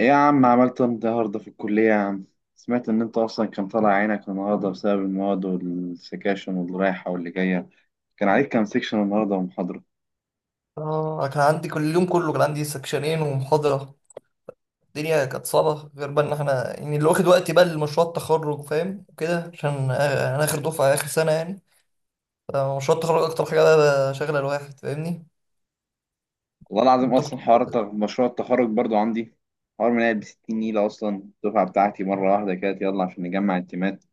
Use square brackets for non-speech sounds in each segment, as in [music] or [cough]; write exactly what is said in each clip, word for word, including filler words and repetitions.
ايه يا عم، عملت إيه النهارده في الكلية يا عم؟ سمعت ان انت اصلا كان طالع عينك النهارده بسبب المواد والسكاشن واللي رايحة واللي جاية. كان عليك كام سكشن النهارده ومحاضرة؟ اه. كان عندي كل اليوم كله كان عندي سكشنين ومحاضرة. الدنيا كانت صعبة غير بقى ان احنا يعني اللي واخد وقتي بقى لمشروع التخرج فاهم وكده عشان أ- انا اخر دفعة اخر سنة يعني. فمشروع التخرج اكتر حاجة بقى شاغلة الواحد فاهمني. والله العظيم اصلا الدكتور. حوار الت- مشروع التخرج برضو عندي. حوار من ب ستين نيلة اصلا. الدفعة بتاعتي مرة واحدة كده، يلا عشان نجمع التيمات.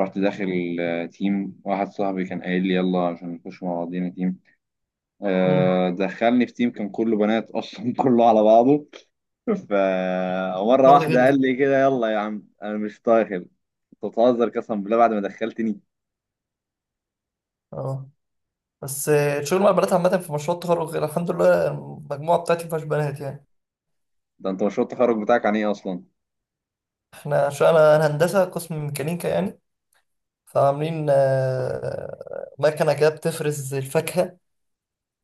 رحت داخل، آه، تيم واحد صاحبي كان قايل لي يلا عشان نخش مع بعضينا تيم. مم. آه، دخلني في تيم كان كله بنات اصلا [laughs] كله على بعضه. فمرة شغل واحدة غيري. قال لي كده، يلا يا عم أنا مش داخل. أنت بتهزر؟ قسما بالله بعد ما دخلتني. اه. بس آه، الشغل مع البنات عامة في مشروع التخرج غير الحمد لله المجموعة بتاعتي مفيهاش بنات يعني. ده أنت مشروع التخرج بتاعك عن إيه أصلا؟ احنا عشان انا أنا هندسة قسم ميكانيكا يعني. فعاملين آه، مكنة كده بتفرز الفاكهة،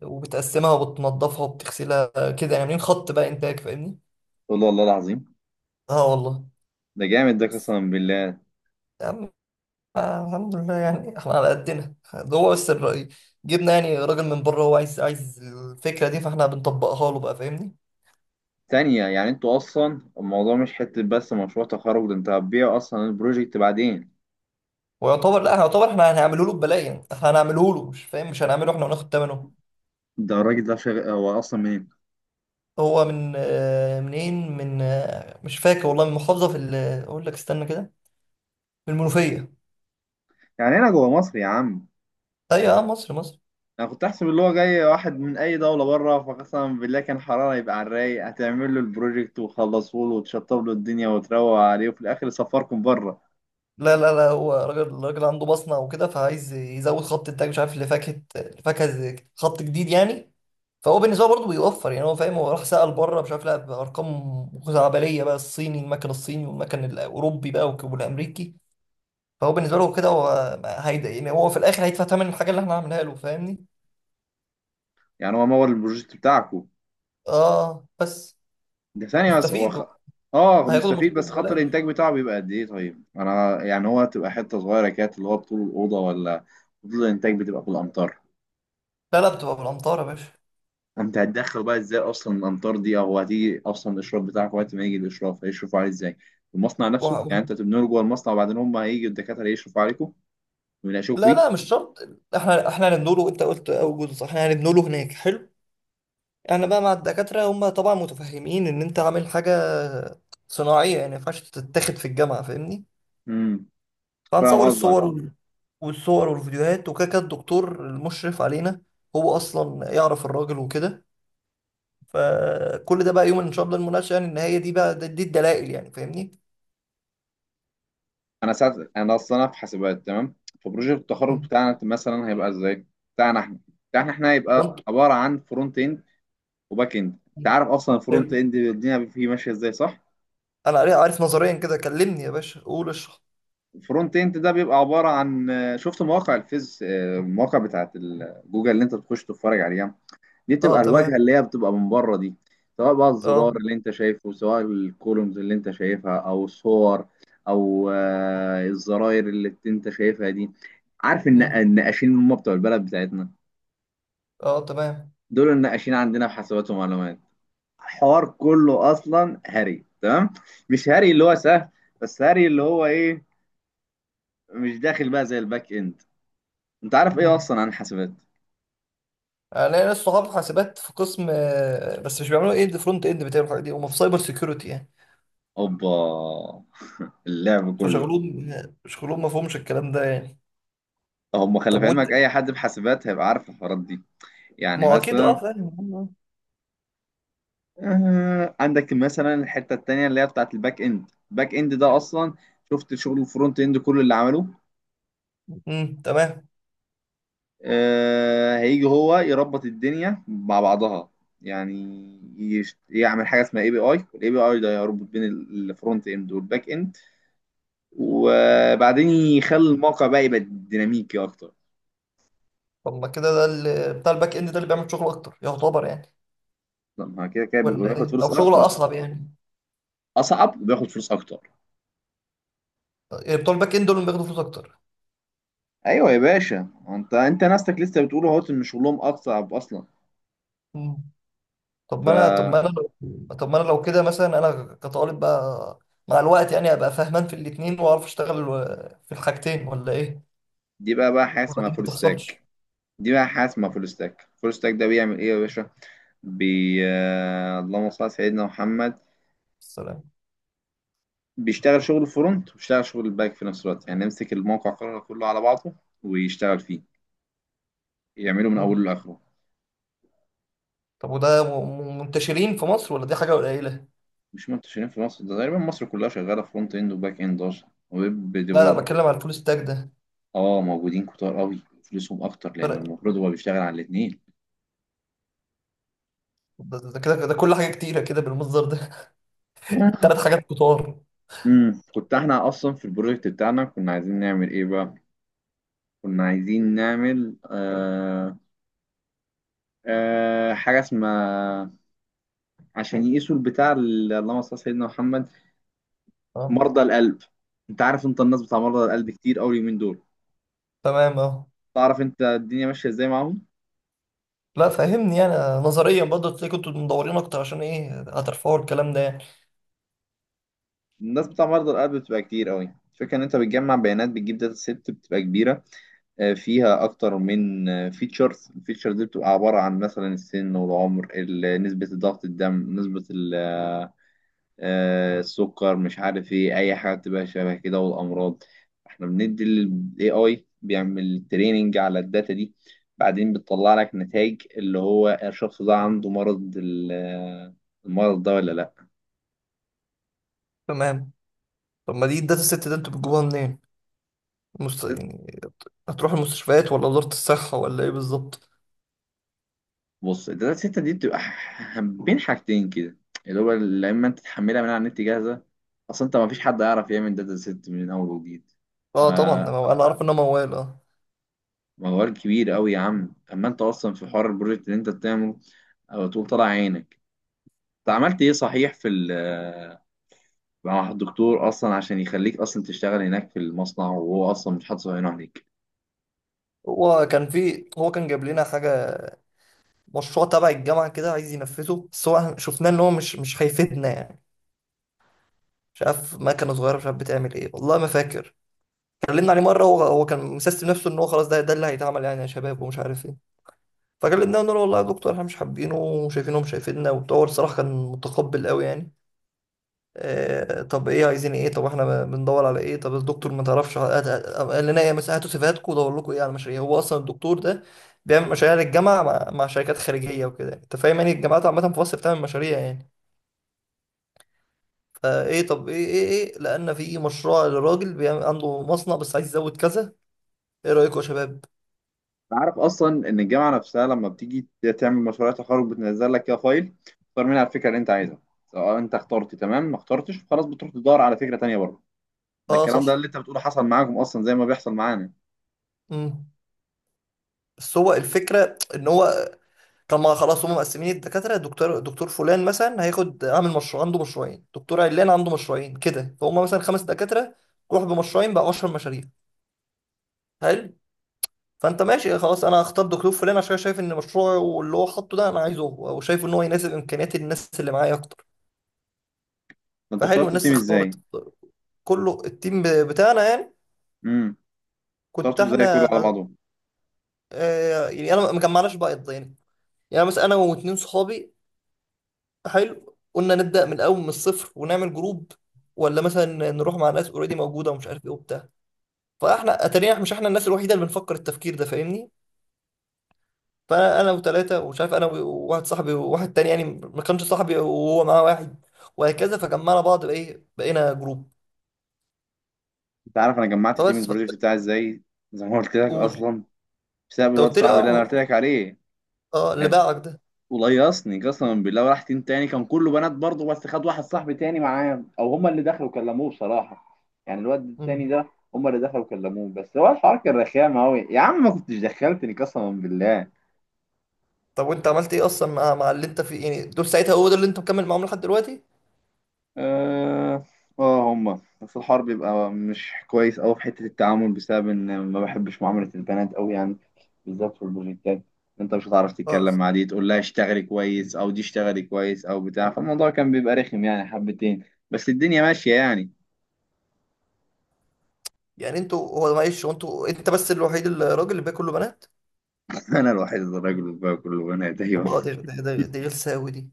وبتقسمها وبتنضفها وبتغسلها. كده يعني عاملين خط بقى انتاج فاهمني. قلت له والله العظيم اه والله. ده جامد، ده قسما بالله. يا عم. آه، الحمد لله يعني احنا على قدنا ده هو بس الرأي. جبنا يعني راجل من بره هو عايز عايز الفكرة دي فاحنا بنطبقها له بقى فاهمني. تانية، يعني أنتوا أصلا الموضوع مش حتة بس مشروع تخرج، ده أنت هتبيع أصلا البروجكت بعدين. ويعتبر لا يعتبر احنا هنعمله له ببلاش يعني احنا هنعمله له مش فاهم مش هنعمله احنا وناخد ثمنه. ده الراجل ده شغ... هو أصلا منين؟ هو من آه، منين، من آه، مش فاكر والله، من محافظة في ال- اقول لك استنى كده. من المنوفية. يعني هنا جوه مصر يا عم؟ ايوه اه مصر مصر. أنا كنت أحسب اللي هو جاي واحد من أي دولة بره، فقسما بالله كان حرارة، يبقى على الرايق هتعمل له البروجكت وخلصوا له وتشطب له الدنيا وتروق عليه، وفي الآخر يسفركم بره. لا لا لا هو راجل راجل عنده بصنة وكده فعايز يزود خط إنتاج مش عارف لفاكهة. فاكهة زي- خط جديد يعني. فهو بالنسبة له برضه بيوفر يعني هو فاهم، هو راح سأل بره مش عارف لا بأرقام خزعبلية بقى الصيني المكن الصيني والمكن الأوروبي بقى والك- والأمريكي. فهو بالنسبة له كده هو هيدا يعني هو في الآخر هيدفع ثمن الحاجة اللي احنا عاملينها له فاهمني؟ يعني هو مور البروجكت بتاعكو؟ آه بس. ده ثانية، بس هو مستفيد خ... هو. اه هياخد مستفيد. المشروع بس خط ببلاش. الانتاج بتاعه بيبقى قد ايه؟ طيب انا يعني هو تبقى حتة صغيرة كده اللي هو بطول الأوضة، ولا بطول الانتاج بتبقى في الأمطار؟ لا لا بتبقى بالأمطار يا باشا. انت هتدخل بقى ازاي اصلا الامطار دي؟ او هتيجي اصلا الاشراف بتاعك، وقت ما يجي الاشراف هيشرفوا عليه ازاي؟ المصنع نفسه، وه- يعني وه- انت تبنوا له جوه المصنع، وبعدين هم هيجي الدكاترة يشرفوا عليكم ويناقشوك لا لا فيه. مش شرط. احنا احنا هنبنوا له انت قلت اول جزء صح احنا هنبنوا له هناك حلو. انا بقى مع الدكاتره هم طبعا متفهمين ان انت عامل حاجه صناعيه يعني ما ينفعش تتاخد في الجامعه فاهمني. امم. فاهم فهنصور قصدك. الصور اه وال- والصور والفيديوهات وكده كده الدكتور المشرف علينا هو اصلا يعرف الراجل وكده. فكل ده بقى يوم ان شاء الله المناقشه يعني ان هي دي بقى دي, دي الدلائل يعني فاهمني. انا ساعه انا اصلا أنا في حاسبات، تمام. فبروجكت التخرج مم. بتاعنا مثلا هيبقى ازاي؟ بتاعنا احنا بتاعنا احنا وانت. هيبقى عباره عن فرونت اند وباك اند. انت عارف اصلا الفرونت حلو. اند الدنيا فيه ماشيه ازاي، صح؟ انا عارف عارف نظريا كده كلمني يا باشا قول اشرح. الفرونت اند ده بيبقى عباره عن، شفت مواقع الفيز، المواقع بتاعت ال- جوجل اللي انت بتخش تتفرج عليها، دي اه تبقى الواجهه تمام. اللي هي بتبقى من بره دي. سواء بقى اه. الزرار اللي انت شايفه، سواء الكولومز اللي انت شايفها، او الصور، او آه، الزراير اللي انت شايفها دي. عارف ان مم. النقاشين اللي هم بتوع البلد بتاعتنا، اه تمام. دول النقاشين عندنا في حاسبات ومعلومات. الحوار كله اصلا هري، تمام، مش هري اللي هو سهل، بس هري اللي هو ايه، مش داخل بقى زي الباك اند. انت عارف ايه مم. اصلا عن حاسبات؟ انا ناس صحاب حاسبات في قسم آه، بس مش بيعملوا اند فرونت اند بتاعوا الحاجات دي هم في سايبر سيكيورتي يعني. اوبا [laughs] اللعب كله. فشغلهم شغلهم ما فهمش الكلام ده يعني. هم خلي طب في وانت. علمك اي حد في حاسبات هيبقى عارف الحوارات دي. ما يعني هو اكيد مثلا، اه فاهم. آه، عندك مثلا الحتة التانية اللي هي بتاعت الباك اند. الباك اند ده اصلا، شفت شغل الفرونت اند كل اللي عمله، امم تمام. آه، هيجي هو يربط الدنيا مع بعضها. يعني يش- يعمل حاجة اسمها اي بي اي. الاي بي اي ده يربط بين الفرونت اند والباك اند، وبعدين يخلي الموقع بقى يبقى ديناميكي اكتر. طب ما كده ده اللي بتاع الباك اند ده اللي بيعمل شغل اكتر يعتبر يعني. طب ما كده كده بيبقى ولا بياخد ايه فلوس او شغل اكتر. اصعب يعني. اصعب وبياخد فلوس اكتر. يعني بتوع الباك اند دول اللي بياخدوا فلوس اكتر. ايوه يا باشا، انت انت ناستك لسه بتقول اهوت ان شغلهم اصعب اصلا. مم. طب ف ما انا طب ما انا لو طب ما انا لو كده مثلا انا كطالب بقى. مع الوقت يعني ابقى فاهمان في الاتنين واعرف اشتغل آه، في الحاجتين ولا ايه. دي بقى بقى حاجه ولا اسمها دي ما فول بتحصلش. ستاك. دي بقى حاجه اسمها فول ستاك. فول ستاك ده بيعمل ايه يا باشا؟ بي آه، اللهم صل على سيدنا محمد. السلام. بيشتغل شغل الفرونت وبيشتغل شغل الباك في نفس الوقت، يعني يمسك الموقع كله كله على بعضه ويشتغل فيه، يعمله من مم. اوله لاخره. طب وده م- منتشرين في مصر ولا دي حاجة قليلة؟ مش منتشرين في مصر؟ ده تقريبا مصر كلها شغاله فرونت اند وباك اند اصلا، ويب لا لا ديفلوب. بتكلم عن الفول ستاك ده. اه، موجودين كتار قوي. فلوسهم اكتر لان فرق. المفروض هو بيشتغل على الاثنين. ده ده كده ده كل حاجة كتيرة كده بالمصدر ده. [laughs] تلات حاجات كتار. امم كنت احنا اصلا في البروجكت بتاعنا كنا عايزين نعمل ايه بقى. كنا عايزين نعمل، آه آه حاجة اسمها، عشان يقيسوا البتاع، ال- اللهم صل على سيدنا محمد، اه مرضى القلب. انت عارف انت الناس بتاع مرضى القلب كتير قوي اليومين دول. تمام. اه. تعرف انت الدنيا ماشية ازاي معاهم. لا فهمني يعني. نظريا برضه تلاقي كنتوا مدورين اكتر عشان ايه هترفعوا الكلام ده يعني. الناس بتاع مرضى القلب بتبقى كتير قوي. الفكرة ان انت بتجمع بيانات، بتجيب داتا سيت بتبقى كبيرة، آه، فيها اكتر من فيتشرز. الفيتشر دي بتبقى عبارة عن مثلا السن والعمر ال- نسبة ضغط الدم، نسبة آه، السكر، مش عارف ايه، اي حاجه تبقى شبه كده، والامراض. احنا بندي الاي اي بيعمل تريننج على الداتا دي، بعدين بتطلع لك نتائج اللي هو الشخص ده عنده مرض ال- المرض ده ولا لا. تمام. طب ما دي الداتا ست ده انتوا بتجيبوها منين؟ مست... يعني هتروحوا المستشفيات ولا وزارة الصحة ولا ايه بالظبط؟ بص، الداتا سيت دي بتبقى ح- بين حاجتين كده، اللي هو يا اما انت تحملها من على النت جاهزه، اصلا انت ما فيش حد يعرف يعمل داتا سيت من اول وجديد. اه طبعا ده آه مو- انا عارف انه موال اه. موال كبير قوي يا عم، اما انت اصلا في حوار البروجكت اللي انت بتعمله. او تقول طلع عينك. انت عملت ايه صحيح في ال- آه، مع الدكتور اصلا عشان يخليك اصلا تشتغل هناك في المصنع وهو اصلا مش حاطط عينه عليك؟ هو كان في هو كان جايب لنا حاجة مشروع تبع الجامعة كده عايز ينفذه بس هو شفناه إن هو مش مش هيفيدنا يعني. مش عارف مكنة صغيرة مش عارف بتعمل إيه والله ما فاكر. كلمنا عليه مرة هو هو كان مسستم نفسه إن هو خلاص ده ده اللي هيتعمل يعني يا شباب ومش عارف إيه. فكلمناه قلنا له والله يا دكتور إحنا مش حابينه وشايفينه مش هيفيدنا وبتاع، هو الصراحة كان متقبل قوي يعني. آه طب إيه عايزين إيه طب إحنا بندور على إيه طب الدكتور ما تعرفش هات- هات- قال لنا إيه مثلا هاتوا سيفاتكم ودور لكم إيه على مشاريع. هو أصلا الدكتور ده بيعمل مشاريع للجامعة مع, مع شركات خارجية وكده أنت فاهم يعني الجامعات عامة في مصر بتعمل مشاريع يعني. فايه طب ايه ايه ايه لان في مشروع لراجل بيعمل عنده مصنع بس عايز يزود كذا. ايه رايكم يا شباب. انت عارف اصلا ان الجامعه نفسها لما بتيجي تعمل مشروع تخرج بتنزل لك كده فايل، تختار منها الفكره اللي انت عايزها. سواء انت اخترت تمام، ما اخترتش خلاص بتروح تدور على فكره تانيه بره. ده اه الكلام ده صح. اللي انت بتقوله حصل معاكم اصلا زي ما بيحصل معانا. امم بس هو الفكره ان هو طب ما خلاص هم مقسمين الدكاتره دكتور دكتور فلان مثلا هياخد عامل مشروع عنده مشروعين دكتور علان عنده مشروعين كده فهم مثلا خمس دكاتره روح بمشروعين بقى 10 مشاريع. حلو. فانت ماشي خلاص انا هختار دكتور فلان عشان شايف ان مشروعه اللي هو حاطه ده انا عايزه هو وشايف ان هو يناسب امكانيات الناس اللي معايا اكتر. ده انتوا فحلو اخترتوا الناس التيم ازاي؟ اختارت كله التيم بتاعنا يعني. امم كنت اخترتوا ازاي كله احنا. على بعضه؟ آه يعني انا ما جمعناش بقى يعني. يعني مثلا انا واتنين صحابي حلو قلنا نبدا من الاول من الصفر ونعمل جروب، ولا مثلا نروح مع ناس اوريدي موجوده ومش عارف ايه وبتاع. فاحنا اتارينا احنا مش احنا الناس الوحيده اللي بنفكر التفكير ده فاهمني. فانا انا وثلاثه ومش عارف انا وواحد صاحبي وواحد تاني يعني ما كانش صاحبي وهو معاه واحد وهكذا فجمعنا بعض بايه بقينا جروب. انت عارف انا جمعت تيم فبس. البروجكت بتاعي ازاي؟ زي ما قلت لك فقول. اصلا، بسبب انت الواد قلت لي صاحبي اللي انا قلت اه. لك عليه. اه اللي كان باعك وليصني قسما بالله وراح تيم تاني كان كله بنات برضه، بس خد واحد صاحبي تاني معاه، او هما اللي دخلوا كلموه بصراحه يعني الواد ده. التاني ده. هما اللي دخلوا كلموه، بس هو الحوار كان رخام قوي يا عم، ما كنتش دخلتني قسما بالله. طب وانت عملت ايه اصلا مع مع اللي انت في يعني دول ساعتها هو ده اللي انت مكمل معاهم لحد دلوقتي. اه، اه، هما بس الحوار بيبقى مش كويس قوي في حته التعامل، بسبب ان ما بحبش معامله البنات قوي يعني، بالذات في البروجكتات. انت مش هتعرف اه. تتكلم مع دي تقول لها اشتغلي كويس، او دي اشتغلي كويس او بتاع، فالموضوع كان بيبقى رخم يعني حبتين. بس الدنيا ماشيه يعني. يعني انتوا. هو معلش هو انتوا انت بس الوحيد الراجل اللي باقي كله بنات. انا الوحيد الراجل بقى كله، وانا دايما. طب اه دي دي دي, دي غلسة قوي دي.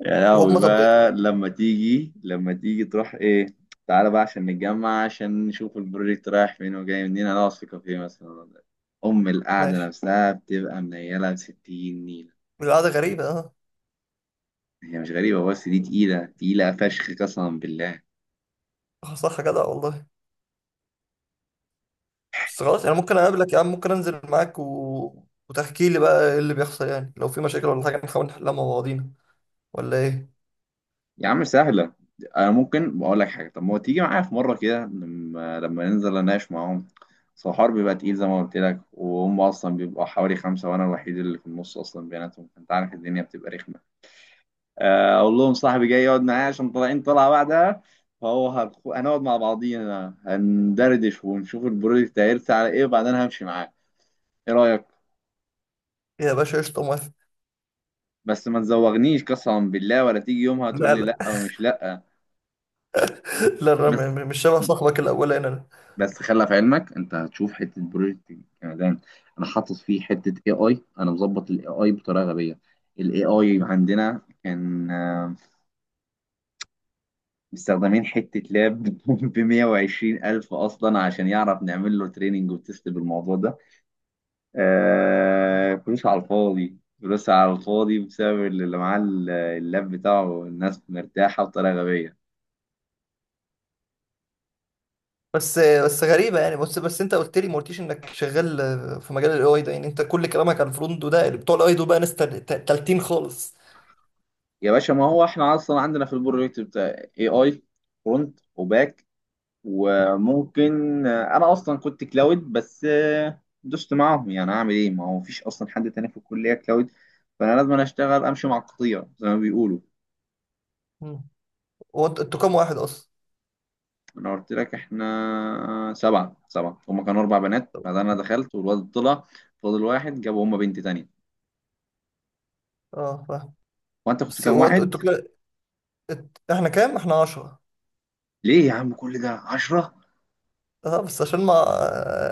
يا لهوي وهم طب [laughs] بقى، ايه؟ لما تيجي لما تيجي تروح ايه. تعالى بقى عشان نتجمع عشان نشوف البروجكت رايح فين وجاي منين، هنقعد في كافيه مثلا ولا- إيه. ام القعده ماشي. نفسها بتبقى منيله ب ستين نيله. القعدة غريبة اه. هي مش غريبه، بس دي تقيله، تقيله فشخ قسما بالله. اه صح جدع والله. بس خلاص انا ممكن اقابلك يا عم ممكن انزل معاك و... وتحكي لي بقى ايه اللي بيحصل يعني لو في مشاكل ولا حاجة نحاول نحلها مع بعضينا ولا ايه. يا عم سهلة. أنا ممكن بقول لك حاجة، طب ما هو تيجي معايا في مرة كده لما لما ننزل أناقش معاهم. أصل الحوار بيبقى تقيل زي ما قلت لك، وهم أصلا بيبقوا حوالي خمسة وأنا الوحيد اللي في النص أصلا بيناتهم، فأنت عارف الدنيا بتبقى رخمة. آه، أقول لهم صاحبي جاي يقعد معايا عشان طالعين طلعة بعدها. فهو هنخ- هنقعد مع بعضينا هندردش ونشوف البروجكت هيرسى على إيه، وبعدين همشي معاه. إيه رأيك؟ يا باشا قشطة موافق. بس ما تزوغنيش قسما بالله، ولا تيجي يومها تقول لا لي لا. لأ ومش لأ. [laughs] لا انا م- بس م- مش شبه صاحبك الاولاني انا. بس خلي في علمك انت هتشوف حته بروجكت كمان. انا حاطط فيه حته اي اي، انا مظبط الاي اي بطريقه غبيه. الاي اي عندنا كان، آه، مستخدمين حته لاب [laughs] ب مئة وعشرين ألف الف اصلا عشان يعرف نعمل له تريننج وتست بالموضوع ده. آه، فلوس على الفاضي، فلوس على الفاضي بسبب اللي معاه. اللاب بتاعه الناس مرتاحه بطريقه غبيه. بس بس غريبه يعني بس بس انت قلت لي ما قلتيش انك شغال في مجال الاي اي ده يعني انت كل كلامك عن الفرونت ده اللي بتوع الاي دول بقى ناس تل- تل- تالتين خالص. يا باشا ما هو احنا اصلا عندنا في البروجكت بتاع اي اي، فرونت، وباك، وممكن انا اصلا كنت كلاود بس دوست معاهم، يعني اعمل ايه ما هو مفيش اصلا حد تاني في الكليه كلاود، فانا لازم أنا اشتغل امشي مع القطيع زي ما بيقولوا. مم. هو انت- انتوا كام واحد اصلا. انا قلت لك احنا سبعه، سبعه هما كانوا اربع بنات، بعدين انا دخلت والواد طلع، فاضل واحد جابوا هما بنت تانية. اه فاهم. هو انت كنت بس كام هو انتوا واحد؟ انتوا كده. ات- احنا كام احنا عشرة. ليه يا عم، كل ده عشرة؟ اه بس عشان ما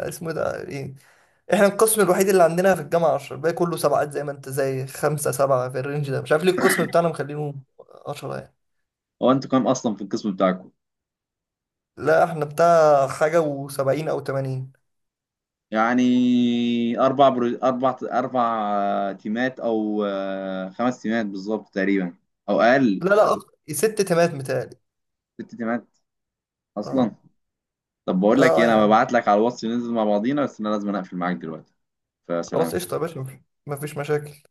اسمه ايه ده ايه احنا القسم الوحيد اللي عندنا في الجامعه عشرة الباقي كله سبعات زي ما انت زي خمسه سبعه في الرينج ده مش عارف ليه القسم بتاعنا مخلينه عشرة يعني. هو انتوا كام اصلا في القسم بتاعكم؟ لا احنا بتاع حاجه و70 او تمانين. يعني اربع برو... اربع اربع تيمات، او آه، خمس تيمات بالظبط تقريبا، او اقل. لا لا أك- ست تمات متهيألي. الست دي ماتت اه اصلا. طب بقول لك اه. ايه، آه يا انا عم. ببعت لك على الواتس ننزل مع بعضينا، بس انا لازم اقفل معاك دلوقتي. خلاص فسلام. قشطة يا باشا مفيش مفيش مشاكل.